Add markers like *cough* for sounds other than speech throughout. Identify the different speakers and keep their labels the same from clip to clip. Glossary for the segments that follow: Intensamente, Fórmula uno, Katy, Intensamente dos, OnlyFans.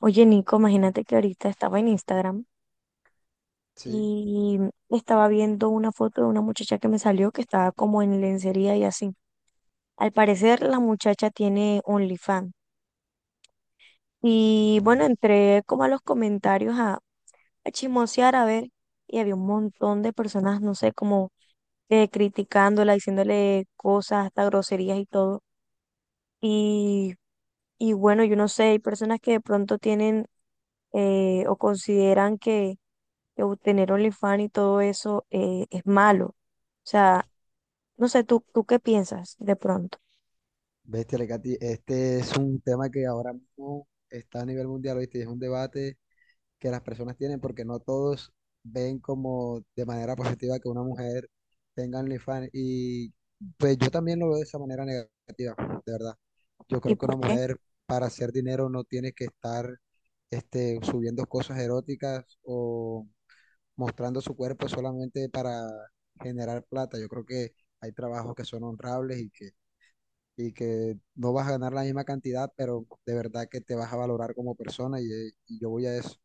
Speaker 1: Oye, Nico, imagínate que ahorita estaba en Instagram
Speaker 2: Sí,
Speaker 1: y estaba viendo una foto de una muchacha que me salió que estaba como en lencería y así. Al parecer, la muchacha tiene OnlyFans. Y bueno, entré como a los comentarios a chismosear, a ver, y había un montón de personas, no sé, como criticándola, diciéndole cosas, hasta groserías y todo. Y, y bueno, yo no sé, hay personas que de pronto tienen o consideran que o tener OnlyFans y todo eso es malo. O sea, no sé, ¿tú qué piensas de pronto?
Speaker 2: bestia Lecati, este es un tema que ahora mismo está a nivel mundial, ¿viste? Y es un debate que las personas tienen porque no todos ven como de manera positiva que una mujer tenga OnlyFans. Y pues yo también lo veo de esa manera negativa, de verdad. Yo
Speaker 1: ¿Y
Speaker 2: creo que
Speaker 1: por
Speaker 2: una
Speaker 1: qué?
Speaker 2: mujer para hacer dinero no tiene que estar subiendo cosas eróticas o mostrando su cuerpo solamente para generar plata. Yo creo que hay trabajos que son honrables y que no vas a ganar la misma cantidad, pero de verdad que te vas a valorar como persona y yo voy a eso,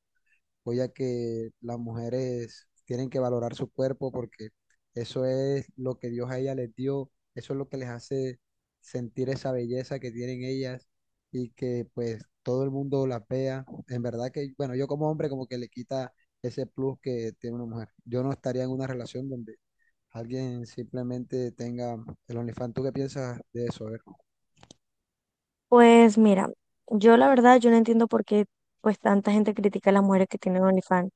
Speaker 2: voy a que las mujeres tienen que valorar su cuerpo porque eso es lo que Dios a ellas les dio, eso es lo que les hace sentir esa belleza que tienen ellas y que pues todo el mundo las vea. En verdad que, bueno, yo como hombre como que le quita ese plus que tiene una mujer. Yo no estaría en una relación donde alguien simplemente tenga el OnlyFans. ¿Tú qué piensas de eso?
Speaker 1: Pues mira, yo la verdad, yo no entiendo por qué pues tanta gente critica a las mujeres que tienen OnlyFans.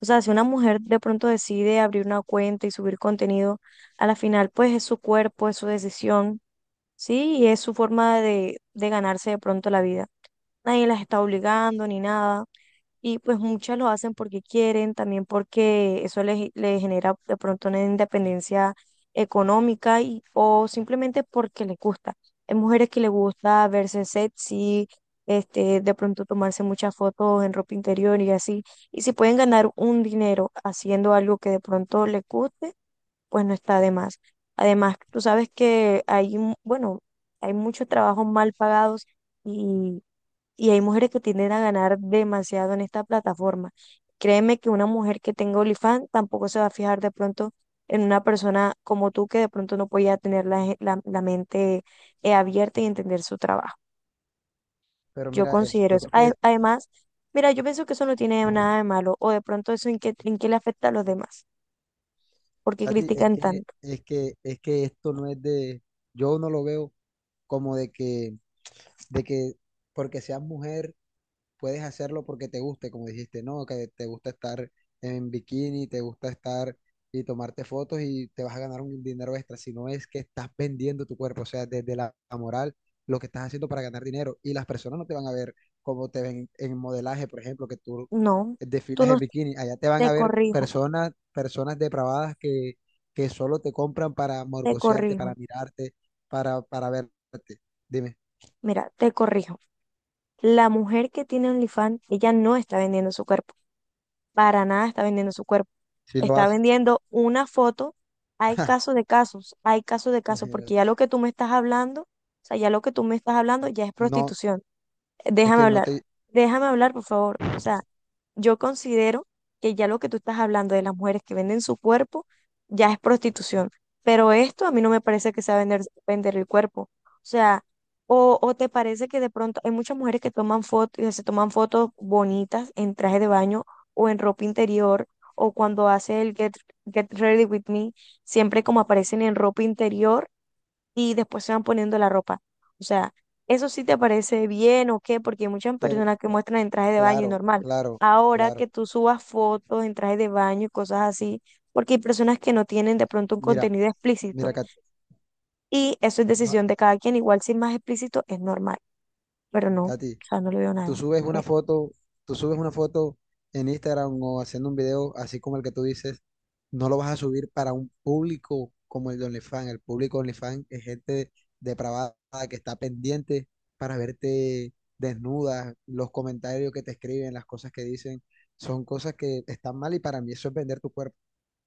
Speaker 1: O sea, si una mujer de pronto decide abrir una cuenta y subir contenido, a la final pues es su cuerpo, es su decisión, ¿sí? Y es su forma de ganarse de pronto la vida. Nadie las está obligando ni nada. Y pues muchas lo hacen porque quieren, también porque eso les genera de pronto una independencia económica y, o simplemente porque les gusta. Hay mujeres que les gusta verse sexy, este, de pronto tomarse muchas fotos en ropa interior y así. Y si pueden ganar un dinero haciendo algo que de pronto les guste, pues no está de más. Además, tú sabes que hay, bueno, hay muchos trabajos mal pagados y hay mujeres que tienden a ganar demasiado en esta plataforma. Créeme que una mujer que tenga OnlyFans tampoco se va a fijar de pronto en una persona como tú que de pronto no podía tener la mente abierta y entender su trabajo.
Speaker 2: Pero
Speaker 1: Yo
Speaker 2: mira,
Speaker 1: considero
Speaker 2: yo
Speaker 1: eso.
Speaker 2: creo que,
Speaker 1: Además, mira, yo pienso que eso no tiene nada de malo o de pronto eso en qué le afecta a los demás. ¿Por qué
Speaker 2: Katy, es
Speaker 1: critican
Speaker 2: que,
Speaker 1: tanto?
Speaker 2: es que, es que esto no es de, yo no lo veo como de que porque seas mujer. Puedes hacerlo porque te guste, como dijiste, ¿no? Que te gusta estar en bikini, te gusta estar y tomarte fotos y te vas a ganar un dinero extra, si no es que estás vendiendo tu cuerpo, o sea, desde la moral, lo que estás haciendo para ganar dinero y las personas no te van a ver como te ven en modelaje, por ejemplo, que tú
Speaker 1: No, tú
Speaker 2: desfilas
Speaker 1: no,
Speaker 2: en bikini, allá te van a
Speaker 1: te
Speaker 2: ver
Speaker 1: corrijo,
Speaker 2: personas, personas depravadas que solo te compran para
Speaker 1: te
Speaker 2: morbosearte,
Speaker 1: corrijo.
Speaker 2: para mirarte, para verte. Dime,
Speaker 1: Mira, te corrijo. La mujer que tiene OnlyFans, ella no está vendiendo su cuerpo. Para nada está vendiendo su cuerpo.
Speaker 2: si lo
Speaker 1: Está
Speaker 2: haces,
Speaker 1: vendiendo una foto. Hay casos de casos, hay casos de casos, porque ya
Speaker 2: imagínate.
Speaker 1: lo que tú me estás hablando, o sea, ya lo que tú me estás hablando ya es
Speaker 2: No.
Speaker 1: prostitución.
Speaker 2: es
Speaker 1: Déjame
Speaker 2: que no
Speaker 1: hablar,
Speaker 2: te,
Speaker 1: déjame hablar, por favor. O sea, yo considero que ya lo que tú estás hablando de las mujeres que venden su cuerpo ya es prostitución, pero esto a mí no me parece que sea vender, vender el cuerpo. O sea, o te parece que de pronto hay muchas mujeres que toman fotos, se toman fotos bonitas en traje de baño o en ropa interior, o cuando hace el Get Ready With Me, siempre como aparecen en ropa interior y después se van poniendo la ropa. O sea, ¿eso sí te parece bien o qué? Porque hay muchas
Speaker 2: Pero,
Speaker 1: personas que muestran en traje de baño y
Speaker 2: claro,
Speaker 1: normal.
Speaker 2: claro,
Speaker 1: Ahora
Speaker 2: claro.
Speaker 1: que tú subas fotos en traje de baño y cosas así, porque hay personas que no tienen de pronto un
Speaker 2: Mira,
Speaker 1: contenido
Speaker 2: mira,
Speaker 1: explícito.
Speaker 2: Katy,
Speaker 1: Y eso es
Speaker 2: no,
Speaker 1: decisión de cada quien. Igual si es más explícito es normal. Pero no, o
Speaker 2: Katy,
Speaker 1: sea, no le veo
Speaker 2: tú
Speaker 1: nada.
Speaker 2: subes una
Speaker 1: ¿Qué?
Speaker 2: foto, tú subes una foto en Instagram o haciendo un video así como el que tú dices, no lo vas a subir para un público como el de OnlyFans. El público de OnlyFans es gente depravada que está pendiente para verte desnuda, los comentarios que te escriben, las cosas que dicen, son cosas que están mal y para mí eso es vender tu cuerpo.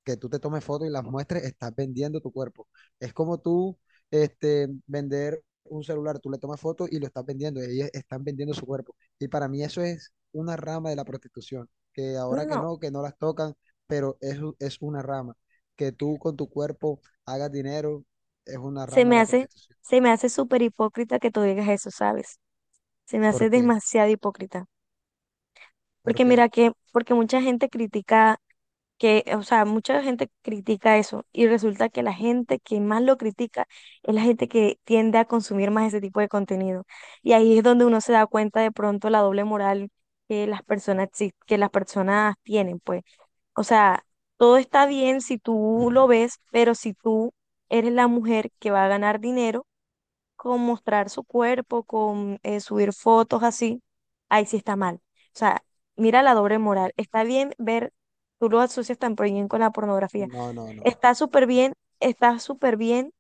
Speaker 2: Que tú te tomes fotos y las muestres, estás vendiendo tu cuerpo. Es como tú vender un celular, tú le tomas fotos y lo estás vendiendo, ellos están vendiendo su cuerpo. Y para mí eso es una rama de la prostitución, que ahora
Speaker 1: No,
Speaker 2: que no las tocan, pero es una rama. Que tú con tu cuerpo hagas dinero es una
Speaker 1: se
Speaker 2: rama de
Speaker 1: me
Speaker 2: la
Speaker 1: hace,
Speaker 2: prostitución.
Speaker 1: se me hace súper hipócrita que tú digas eso, ¿sabes? Se me
Speaker 2: ¿Por
Speaker 1: hace
Speaker 2: qué?
Speaker 1: demasiado hipócrita.
Speaker 2: ¿Por qué?
Speaker 1: Porque mucha gente critica que, o sea, mucha gente critica eso y resulta que la gente que más lo critica es la gente que tiende a consumir más ese tipo de contenido. Y ahí es donde uno se da cuenta de pronto la doble moral que las personas tienen, pues. O sea, todo está bien si tú lo ves, pero si tú eres la mujer que va a ganar dinero, con mostrar su cuerpo, con subir fotos así, ahí sí está mal. O sea, mira la doble moral. Está bien ver, tú lo asocias tan bien con la pornografía.
Speaker 2: No, no, no.
Speaker 1: Está súper bien, está súper bien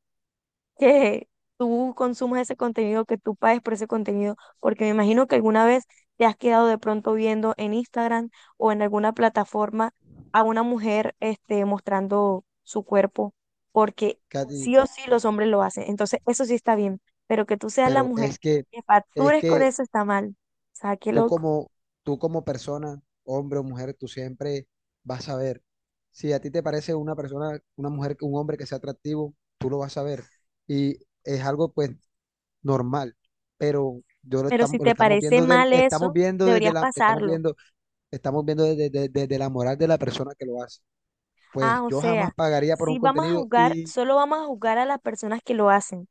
Speaker 1: que tú consumas ese contenido, que tú pagues por ese contenido, porque me imagino que alguna vez te has quedado de pronto viendo en Instagram o en alguna plataforma a una mujer este, mostrando su cuerpo, porque
Speaker 2: Katy,
Speaker 1: sí o sí los hombres lo hacen. Entonces, eso sí está bien, pero que tú seas la
Speaker 2: pero
Speaker 1: mujer
Speaker 2: es que,
Speaker 1: que
Speaker 2: es
Speaker 1: factures con
Speaker 2: que
Speaker 1: eso está mal. O sea, qué
Speaker 2: Tú
Speaker 1: loco.
Speaker 2: como, tú como persona, hombre o mujer, tú siempre vas a ver. Si a ti te parece una persona, una mujer, un hombre que sea atractivo, tú lo vas a ver. Y es algo pues normal, pero yo
Speaker 1: Pero si
Speaker 2: lo
Speaker 1: te
Speaker 2: estamos
Speaker 1: parece
Speaker 2: viendo del,
Speaker 1: mal eso, deberías pasarlo.
Speaker 2: estamos viendo desde la moral de la persona que lo hace.
Speaker 1: Ah,
Speaker 2: Pues
Speaker 1: o
Speaker 2: yo jamás
Speaker 1: sea,
Speaker 2: pagaría por un
Speaker 1: si vamos a
Speaker 2: contenido
Speaker 1: jugar,
Speaker 2: y
Speaker 1: solo vamos a jugar a las personas que lo hacen.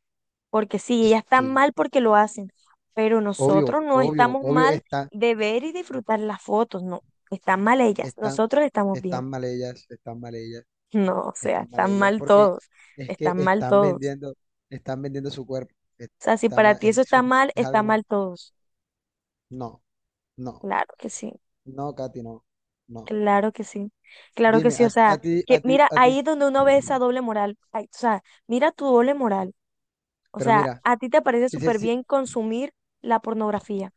Speaker 1: Porque sí, ellas están
Speaker 2: sí,
Speaker 1: mal porque lo hacen, pero
Speaker 2: obvio,
Speaker 1: nosotros no
Speaker 2: obvio,
Speaker 1: estamos
Speaker 2: obvio
Speaker 1: mal de ver y disfrutar las fotos, no, están mal ellas,
Speaker 2: están,
Speaker 1: nosotros estamos bien.
Speaker 2: están mal
Speaker 1: *laughs*
Speaker 2: ellas, están mal ellas.
Speaker 1: No, o sea,
Speaker 2: Están mal
Speaker 1: están
Speaker 2: ellas,
Speaker 1: mal
Speaker 2: porque
Speaker 1: todos,
Speaker 2: es que
Speaker 1: están mal
Speaker 2: están
Speaker 1: todos.
Speaker 2: vendiendo, están vendiendo su cuerpo.
Speaker 1: O sea, si
Speaker 2: Está
Speaker 1: para
Speaker 2: ma-
Speaker 1: ti eso
Speaker 2: eh, eso es, es
Speaker 1: está
Speaker 2: algo malo.
Speaker 1: mal todos.
Speaker 2: No, no,
Speaker 1: Claro que sí,
Speaker 2: no, Katy, no, no.
Speaker 1: claro que sí, claro que
Speaker 2: Dime,
Speaker 1: sí.
Speaker 2: a,
Speaker 1: O sea,
Speaker 2: a ti, a
Speaker 1: que
Speaker 2: ti,
Speaker 1: mira,
Speaker 2: a ti,
Speaker 1: ahí es donde uno ve esa doble moral. Ay, o sea, mira tu doble moral. O
Speaker 2: pero
Speaker 1: sea,
Speaker 2: mira,
Speaker 1: a ti te parece
Speaker 2: sí, sí,
Speaker 1: súper
Speaker 2: sí,
Speaker 1: bien consumir la pornografía.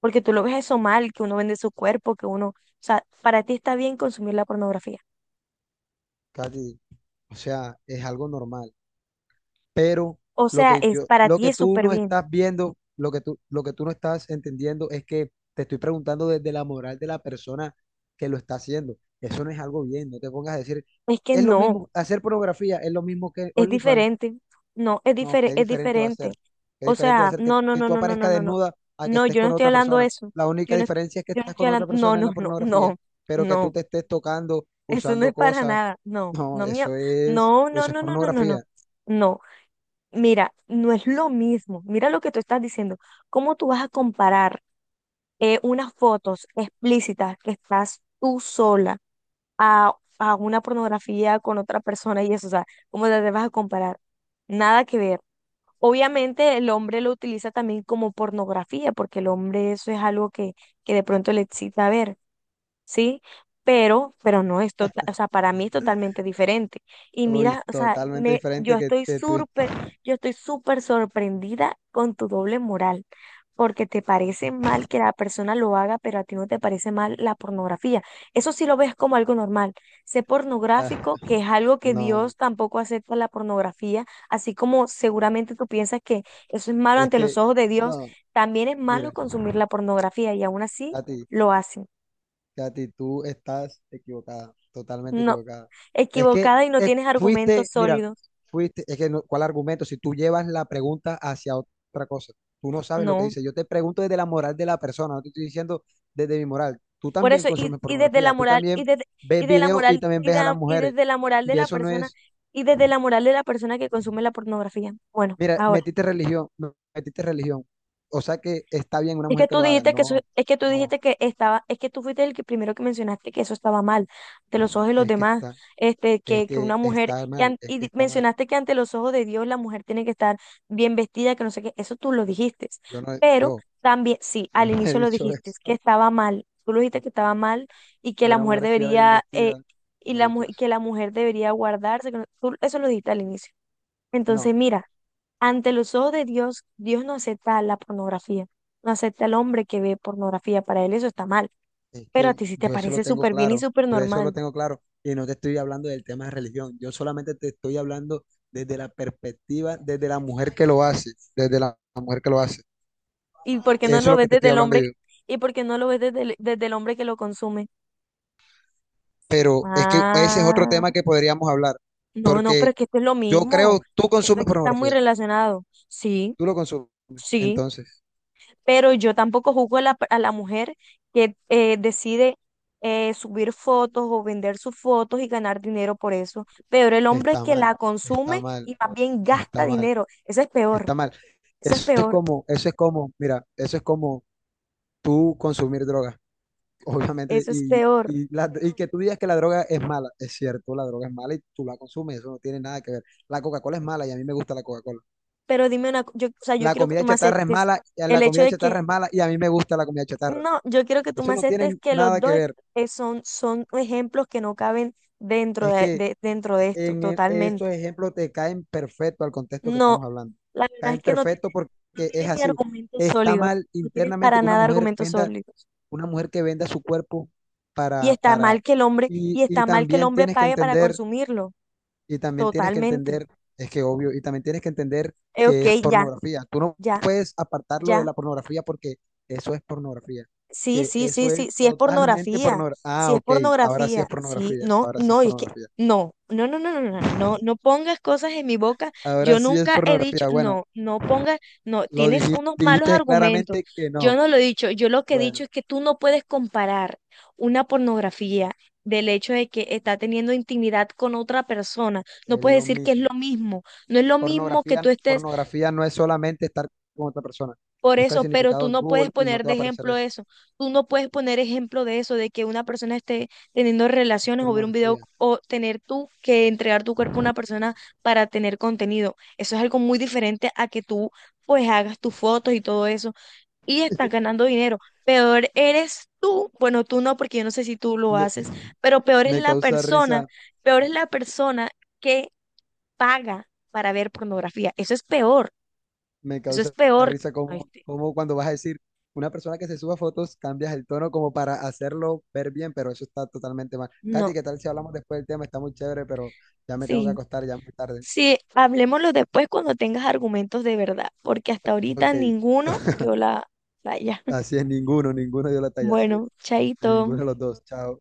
Speaker 1: Porque tú lo ves eso mal, que uno vende su cuerpo, o sea, para ti está bien consumir la pornografía.
Speaker 2: Katy, o sea, es algo normal. Pero
Speaker 1: O sea, para
Speaker 2: lo
Speaker 1: ti
Speaker 2: que
Speaker 1: es
Speaker 2: tú
Speaker 1: súper
Speaker 2: no
Speaker 1: bien.
Speaker 2: estás viendo, lo que tú no estás entendiendo es que te estoy preguntando desde la moral de la persona que lo está haciendo. Eso no es algo bien, no te pongas a decir,
Speaker 1: Es que
Speaker 2: es lo
Speaker 1: no,
Speaker 2: mismo, hacer pornografía es lo mismo que
Speaker 1: es
Speaker 2: OnlyFans.
Speaker 1: diferente. No,
Speaker 2: No, qué
Speaker 1: es
Speaker 2: diferente va a ser.
Speaker 1: diferente.
Speaker 2: Qué
Speaker 1: O
Speaker 2: diferente va a
Speaker 1: sea,
Speaker 2: ser que, que tú aparezcas
Speaker 1: no.
Speaker 2: desnuda a que
Speaker 1: No,
Speaker 2: estés
Speaker 1: yo no
Speaker 2: con
Speaker 1: estoy
Speaker 2: otra
Speaker 1: hablando de
Speaker 2: persona.
Speaker 1: eso.
Speaker 2: La
Speaker 1: Yo
Speaker 2: única
Speaker 1: no,
Speaker 2: diferencia es que
Speaker 1: yo no
Speaker 2: estás
Speaker 1: estoy
Speaker 2: con
Speaker 1: hablando,
Speaker 2: otra persona en la pornografía, pero que
Speaker 1: no.
Speaker 2: tú te estés tocando,
Speaker 1: Eso no
Speaker 2: usando
Speaker 1: es para
Speaker 2: cosas.
Speaker 1: nada. No,
Speaker 2: No,
Speaker 1: no, mío.
Speaker 2: eso es, eso es
Speaker 1: No,
Speaker 2: pornografía.
Speaker 1: No, mira, no es lo mismo. Mira lo que tú estás diciendo. ¿Cómo tú vas a comparar? Unas fotos explícitas que estás tú sola a, a una pornografía con otra persona y eso, o sea, ¿cómo te vas a comparar? Nada que ver. Obviamente el hombre lo utiliza también como pornografía, porque el hombre eso es algo que de pronto le excita ver. ¿Sí? Pero no es total, o sea, para mí es totalmente diferente. Y
Speaker 2: Uy,
Speaker 1: mira, o sea,
Speaker 2: totalmente diferente que, que tú.
Speaker 1: yo estoy súper sorprendida con tu doble moral, porque te parece mal que la persona lo haga, pero a ti no te parece mal la pornografía. Eso sí lo ves como algo normal. Sé
Speaker 2: Ah,
Speaker 1: pornográfico, que es algo que
Speaker 2: no,
Speaker 1: Dios tampoco acepta la pornografía, así como seguramente tú piensas que eso es malo
Speaker 2: es
Speaker 1: ante los
Speaker 2: que,
Speaker 1: ojos de Dios,
Speaker 2: no,
Speaker 1: también es malo
Speaker 2: mira,
Speaker 1: consumir la pornografía y aún así
Speaker 2: a ti.
Speaker 1: lo hacen.
Speaker 2: Katy, tú estás equivocada, totalmente
Speaker 1: No,
Speaker 2: equivocada. Es que
Speaker 1: equivocada y no tienes argumentos
Speaker 2: fuiste, mira,
Speaker 1: sólidos.
Speaker 2: fuiste, es que no- ¿cuál argumento? Si tú llevas la pregunta hacia otra cosa, tú no sabes lo que
Speaker 1: No.
Speaker 2: dice. Yo te pregunto desde la moral de la persona, no te estoy diciendo desde mi moral. Tú
Speaker 1: Por
Speaker 2: también
Speaker 1: eso, y,
Speaker 2: consumes
Speaker 1: y desde la
Speaker 2: pornografía, tú
Speaker 1: moral, y
Speaker 2: también
Speaker 1: desde, y
Speaker 2: ves
Speaker 1: de la
Speaker 2: videos y
Speaker 1: moral,
Speaker 2: también
Speaker 1: y,
Speaker 2: ves a las
Speaker 1: da- y
Speaker 2: mujeres.
Speaker 1: desde la moral de
Speaker 2: Y
Speaker 1: la
Speaker 2: eso no
Speaker 1: persona,
Speaker 2: es,
Speaker 1: y desde la moral de la persona que consume la pornografía. Bueno,
Speaker 2: mira,
Speaker 1: ahora.
Speaker 2: metiste religión, no, metiste religión. O sea que está bien una mujer que lo haga. No,
Speaker 1: Es que tú
Speaker 2: no,
Speaker 1: dijiste que estaba, es que tú fuiste el que primero que mencionaste que eso estaba mal, ante los ojos de los
Speaker 2: es que
Speaker 1: demás,
Speaker 2: está, es
Speaker 1: que
Speaker 2: que
Speaker 1: una mujer,
Speaker 2: está
Speaker 1: que
Speaker 2: mal,
Speaker 1: an-
Speaker 2: es
Speaker 1: y
Speaker 2: que
Speaker 1: di-
Speaker 2: está mal.
Speaker 1: mencionaste que ante los ojos de Dios la mujer tiene que estar bien vestida, que no sé qué, eso tú lo dijiste,
Speaker 2: Yo no,
Speaker 1: pero
Speaker 2: yo.
Speaker 1: también, sí,
Speaker 2: Yo
Speaker 1: al
Speaker 2: no he
Speaker 1: inicio lo
Speaker 2: dicho
Speaker 1: dijiste, que
Speaker 2: eso,
Speaker 1: estaba mal, tú lo dijiste que estaba mal y que
Speaker 2: que
Speaker 1: la
Speaker 2: una
Speaker 1: mujer
Speaker 2: mujer estuviera bien
Speaker 1: debería,
Speaker 2: vestida, no he dicho eso.
Speaker 1: que la mujer debería guardarse, que no- tú- eso lo dijiste al inicio. Entonces,
Speaker 2: No,
Speaker 1: mira. Ante los ojos de Dios, Dios no acepta la pornografía, no acepta al hombre que ve pornografía, para él eso está mal,
Speaker 2: es
Speaker 1: pero a
Speaker 2: que
Speaker 1: ti sí te
Speaker 2: yo eso lo
Speaker 1: parece
Speaker 2: tengo
Speaker 1: súper bien y
Speaker 2: claro,
Speaker 1: súper
Speaker 2: yo eso lo
Speaker 1: normal.
Speaker 2: tengo claro, y no te estoy hablando del tema de religión, yo solamente te estoy hablando desde la perspectiva, desde la mujer que lo hace, desde la mujer que lo hace,
Speaker 1: ¿Y por qué
Speaker 2: eso
Speaker 1: no
Speaker 2: es
Speaker 1: lo
Speaker 2: lo
Speaker 1: ves
Speaker 2: que te
Speaker 1: desde
Speaker 2: estoy
Speaker 1: el
Speaker 2: hablando
Speaker 1: hombre?
Speaker 2: yo,
Speaker 1: ¿Y por qué no lo ves desde el hombre que lo consume?
Speaker 2: pero es que ese es otro
Speaker 1: Ah,
Speaker 2: tema que podríamos hablar,
Speaker 1: no, no,
Speaker 2: porque
Speaker 1: pero es que esto es lo
Speaker 2: yo
Speaker 1: mismo.
Speaker 2: creo, tú
Speaker 1: Esto
Speaker 2: consumes
Speaker 1: aquí está muy
Speaker 2: pornografía,
Speaker 1: relacionado. Sí,
Speaker 2: tú lo consumes,
Speaker 1: sí.
Speaker 2: entonces
Speaker 1: Pero yo tampoco juzgo a a la mujer que decide subir fotos o vender sus fotos y ganar dinero por eso. Peor el hombre
Speaker 2: está
Speaker 1: que
Speaker 2: mal,
Speaker 1: la
Speaker 2: está
Speaker 1: consume
Speaker 2: mal,
Speaker 1: y más bien
Speaker 2: está
Speaker 1: gasta
Speaker 2: mal.
Speaker 1: dinero. Eso es peor,
Speaker 2: Está mal.
Speaker 1: eso es peor,
Speaker 2: Mira, eso es como tú consumir droga, *laughs* obviamente,
Speaker 1: eso es
Speaker 2: y,
Speaker 1: peor.
Speaker 2: y, la- y que tú digas que la droga es mala, es cierto, la droga es mala y tú la consumes, eso no tiene nada que ver. La Coca-Cola es mala y a mí me gusta la Coca-Cola.
Speaker 1: Pero dime una, o sea, yo
Speaker 2: La
Speaker 1: quiero que
Speaker 2: comida
Speaker 1: tú me
Speaker 2: chatarra es
Speaker 1: aceptes
Speaker 2: mala, y
Speaker 1: el
Speaker 2: la
Speaker 1: hecho
Speaker 2: comida
Speaker 1: de que,
Speaker 2: chatarra es mala y a mí me gusta la comida chatarra.
Speaker 1: no, yo quiero que tú
Speaker 2: Eso
Speaker 1: me
Speaker 2: no
Speaker 1: aceptes
Speaker 2: tiene
Speaker 1: que los
Speaker 2: nada que
Speaker 1: dos
Speaker 2: ver.
Speaker 1: son, son ejemplos que no caben dentro
Speaker 2: Es que
Speaker 1: dentro de esto,
Speaker 2: estos
Speaker 1: totalmente.
Speaker 2: ejemplos te caen perfecto al contexto que
Speaker 1: No,
Speaker 2: estamos hablando.
Speaker 1: la verdad
Speaker 2: Caen
Speaker 1: es que no.
Speaker 2: perfecto porque
Speaker 1: No
Speaker 2: es
Speaker 1: tienes ni
Speaker 2: así.
Speaker 1: argumentos
Speaker 2: Está
Speaker 1: sólidos,
Speaker 2: mal
Speaker 1: no tienes
Speaker 2: internamente
Speaker 1: para
Speaker 2: que una
Speaker 1: nada
Speaker 2: mujer
Speaker 1: argumentos
Speaker 2: venda
Speaker 1: sólidos.
Speaker 2: una mujer que venda su cuerpo
Speaker 1: Y
Speaker 2: para,
Speaker 1: está
Speaker 2: para,
Speaker 1: mal que el hombre,
Speaker 2: y,
Speaker 1: y
Speaker 2: y
Speaker 1: está mal que el
Speaker 2: también
Speaker 1: hombre
Speaker 2: tienes que
Speaker 1: pague para
Speaker 2: entender,
Speaker 1: consumirlo,
Speaker 2: y también tienes que
Speaker 1: totalmente.
Speaker 2: entender, es que obvio, y también tienes que entender que
Speaker 1: Ok,
Speaker 2: es
Speaker 1: ya,
Speaker 2: pornografía. Tú no
Speaker 1: ya,
Speaker 2: puedes apartarlo de
Speaker 1: ya.
Speaker 2: la pornografía porque eso es pornografía,
Speaker 1: Sí,
Speaker 2: que
Speaker 1: sí, sí,
Speaker 2: eso
Speaker 1: sí,
Speaker 2: es
Speaker 1: sí es
Speaker 2: totalmente
Speaker 1: pornografía,
Speaker 2: pornografía. Ah,
Speaker 1: sí es
Speaker 2: ok, ahora sí es
Speaker 1: pornografía, sí,
Speaker 2: pornografía,
Speaker 1: no,
Speaker 2: ahora sí es
Speaker 1: no, y es que
Speaker 2: pornografía,
Speaker 1: no pongas cosas en mi boca,
Speaker 2: ahora
Speaker 1: yo
Speaker 2: sí es
Speaker 1: nunca he dicho,
Speaker 2: pornografía. Bueno,
Speaker 1: no, no pongas, no,
Speaker 2: lo
Speaker 1: tienes
Speaker 2: dijiste,
Speaker 1: unos malos
Speaker 2: dijiste
Speaker 1: argumentos,
Speaker 2: claramente que
Speaker 1: yo
Speaker 2: no.
Speaker 1: no lo he dicho, yo lo que he dicho
Speaker 2: Bueno,
Speaker 1: es que tú no puedes comparar una pornografía del hecho de que está teniendo intimidad con otra persona, no
Speaker 2: es
Speaker 1: puedes
Speaker 2: lo
Speaker 1: decir que es lo
Speaker 2: mismo.
Speaker 1: mismo, no es lo mismo que
Speaker 2: Pornografía,
Speaker 1: tú estés
Speaker 2: pornografía no es solamente estar con otra persona.
Speaker 1: por
Speaker 2: Busca el
Speaker 1: eso, pero tú
Speaker 2: significado en
Speaker 1: no puedes
Speaker 2: Google y no
Speaker 1: poner
Speaker 2: te va
Speaker 1: de
Speaker 2: a aparecer
Speaker 1: ejemplo
Speaker 2: eso.
Speaker 1: eso. Tú no puedes poner ejemplo de eso, de que una persona esté teniendo relaciones o ver un video
Speaker 2: Pornografía.
Speaker 1: o tener tú que entregar tu cuerpo a una persona para tener contenido. Eso es algo muy diferente a que tú pues hagas tus fotos y todo eso y estás ganando dinero. Peor eres tú, bueno, tú no, porque yo no sé si tú lo
Speaker 2: Me,
Speaker 1: haces, pero peor es
Speaker 2: me
Speaker 1: la
Speaker 2: causa
Speaker 1: persona,
Speaker 2: risa,
Speaker 1: peor es la persona que paga para ver pornografía. Eso es peor,
Speaker 2: me
Speaker 1: eso es
Speaker 2: causa
Speaker 1: peor.
Speaker 2: risa
Speaker 1: Ay,
Speaker 2: como,
Speaker 1: sí.
Speaker 2: como cuando vas a decir una persona que se suba fotos, cambias el tono como para hacerlo ver bien, pero eso está totalmente mal. Katy,
Speaker 1: No.
Speaker 2: ¿qué tal si hablamos después del tema? Está muy chévere, pero ya me tengo que
Speaker 1: Sí,
Speaker 2: acostar, ya es muy tarde.
Speaker 1: sí, hablemoslo después cuando tengas argumentos de verdad, porque hasta ahorita
Speaker 2: Ok,
Speaker 1: ninguno yo la... Vaya. *laughs*
Speaker 2: así es, ninguno dio la talla, así es.
Speaker 1: Bueno,
Speaker 2: Ninguno
Speaker 1: chaito.
Speaker 2: de los dos, chao.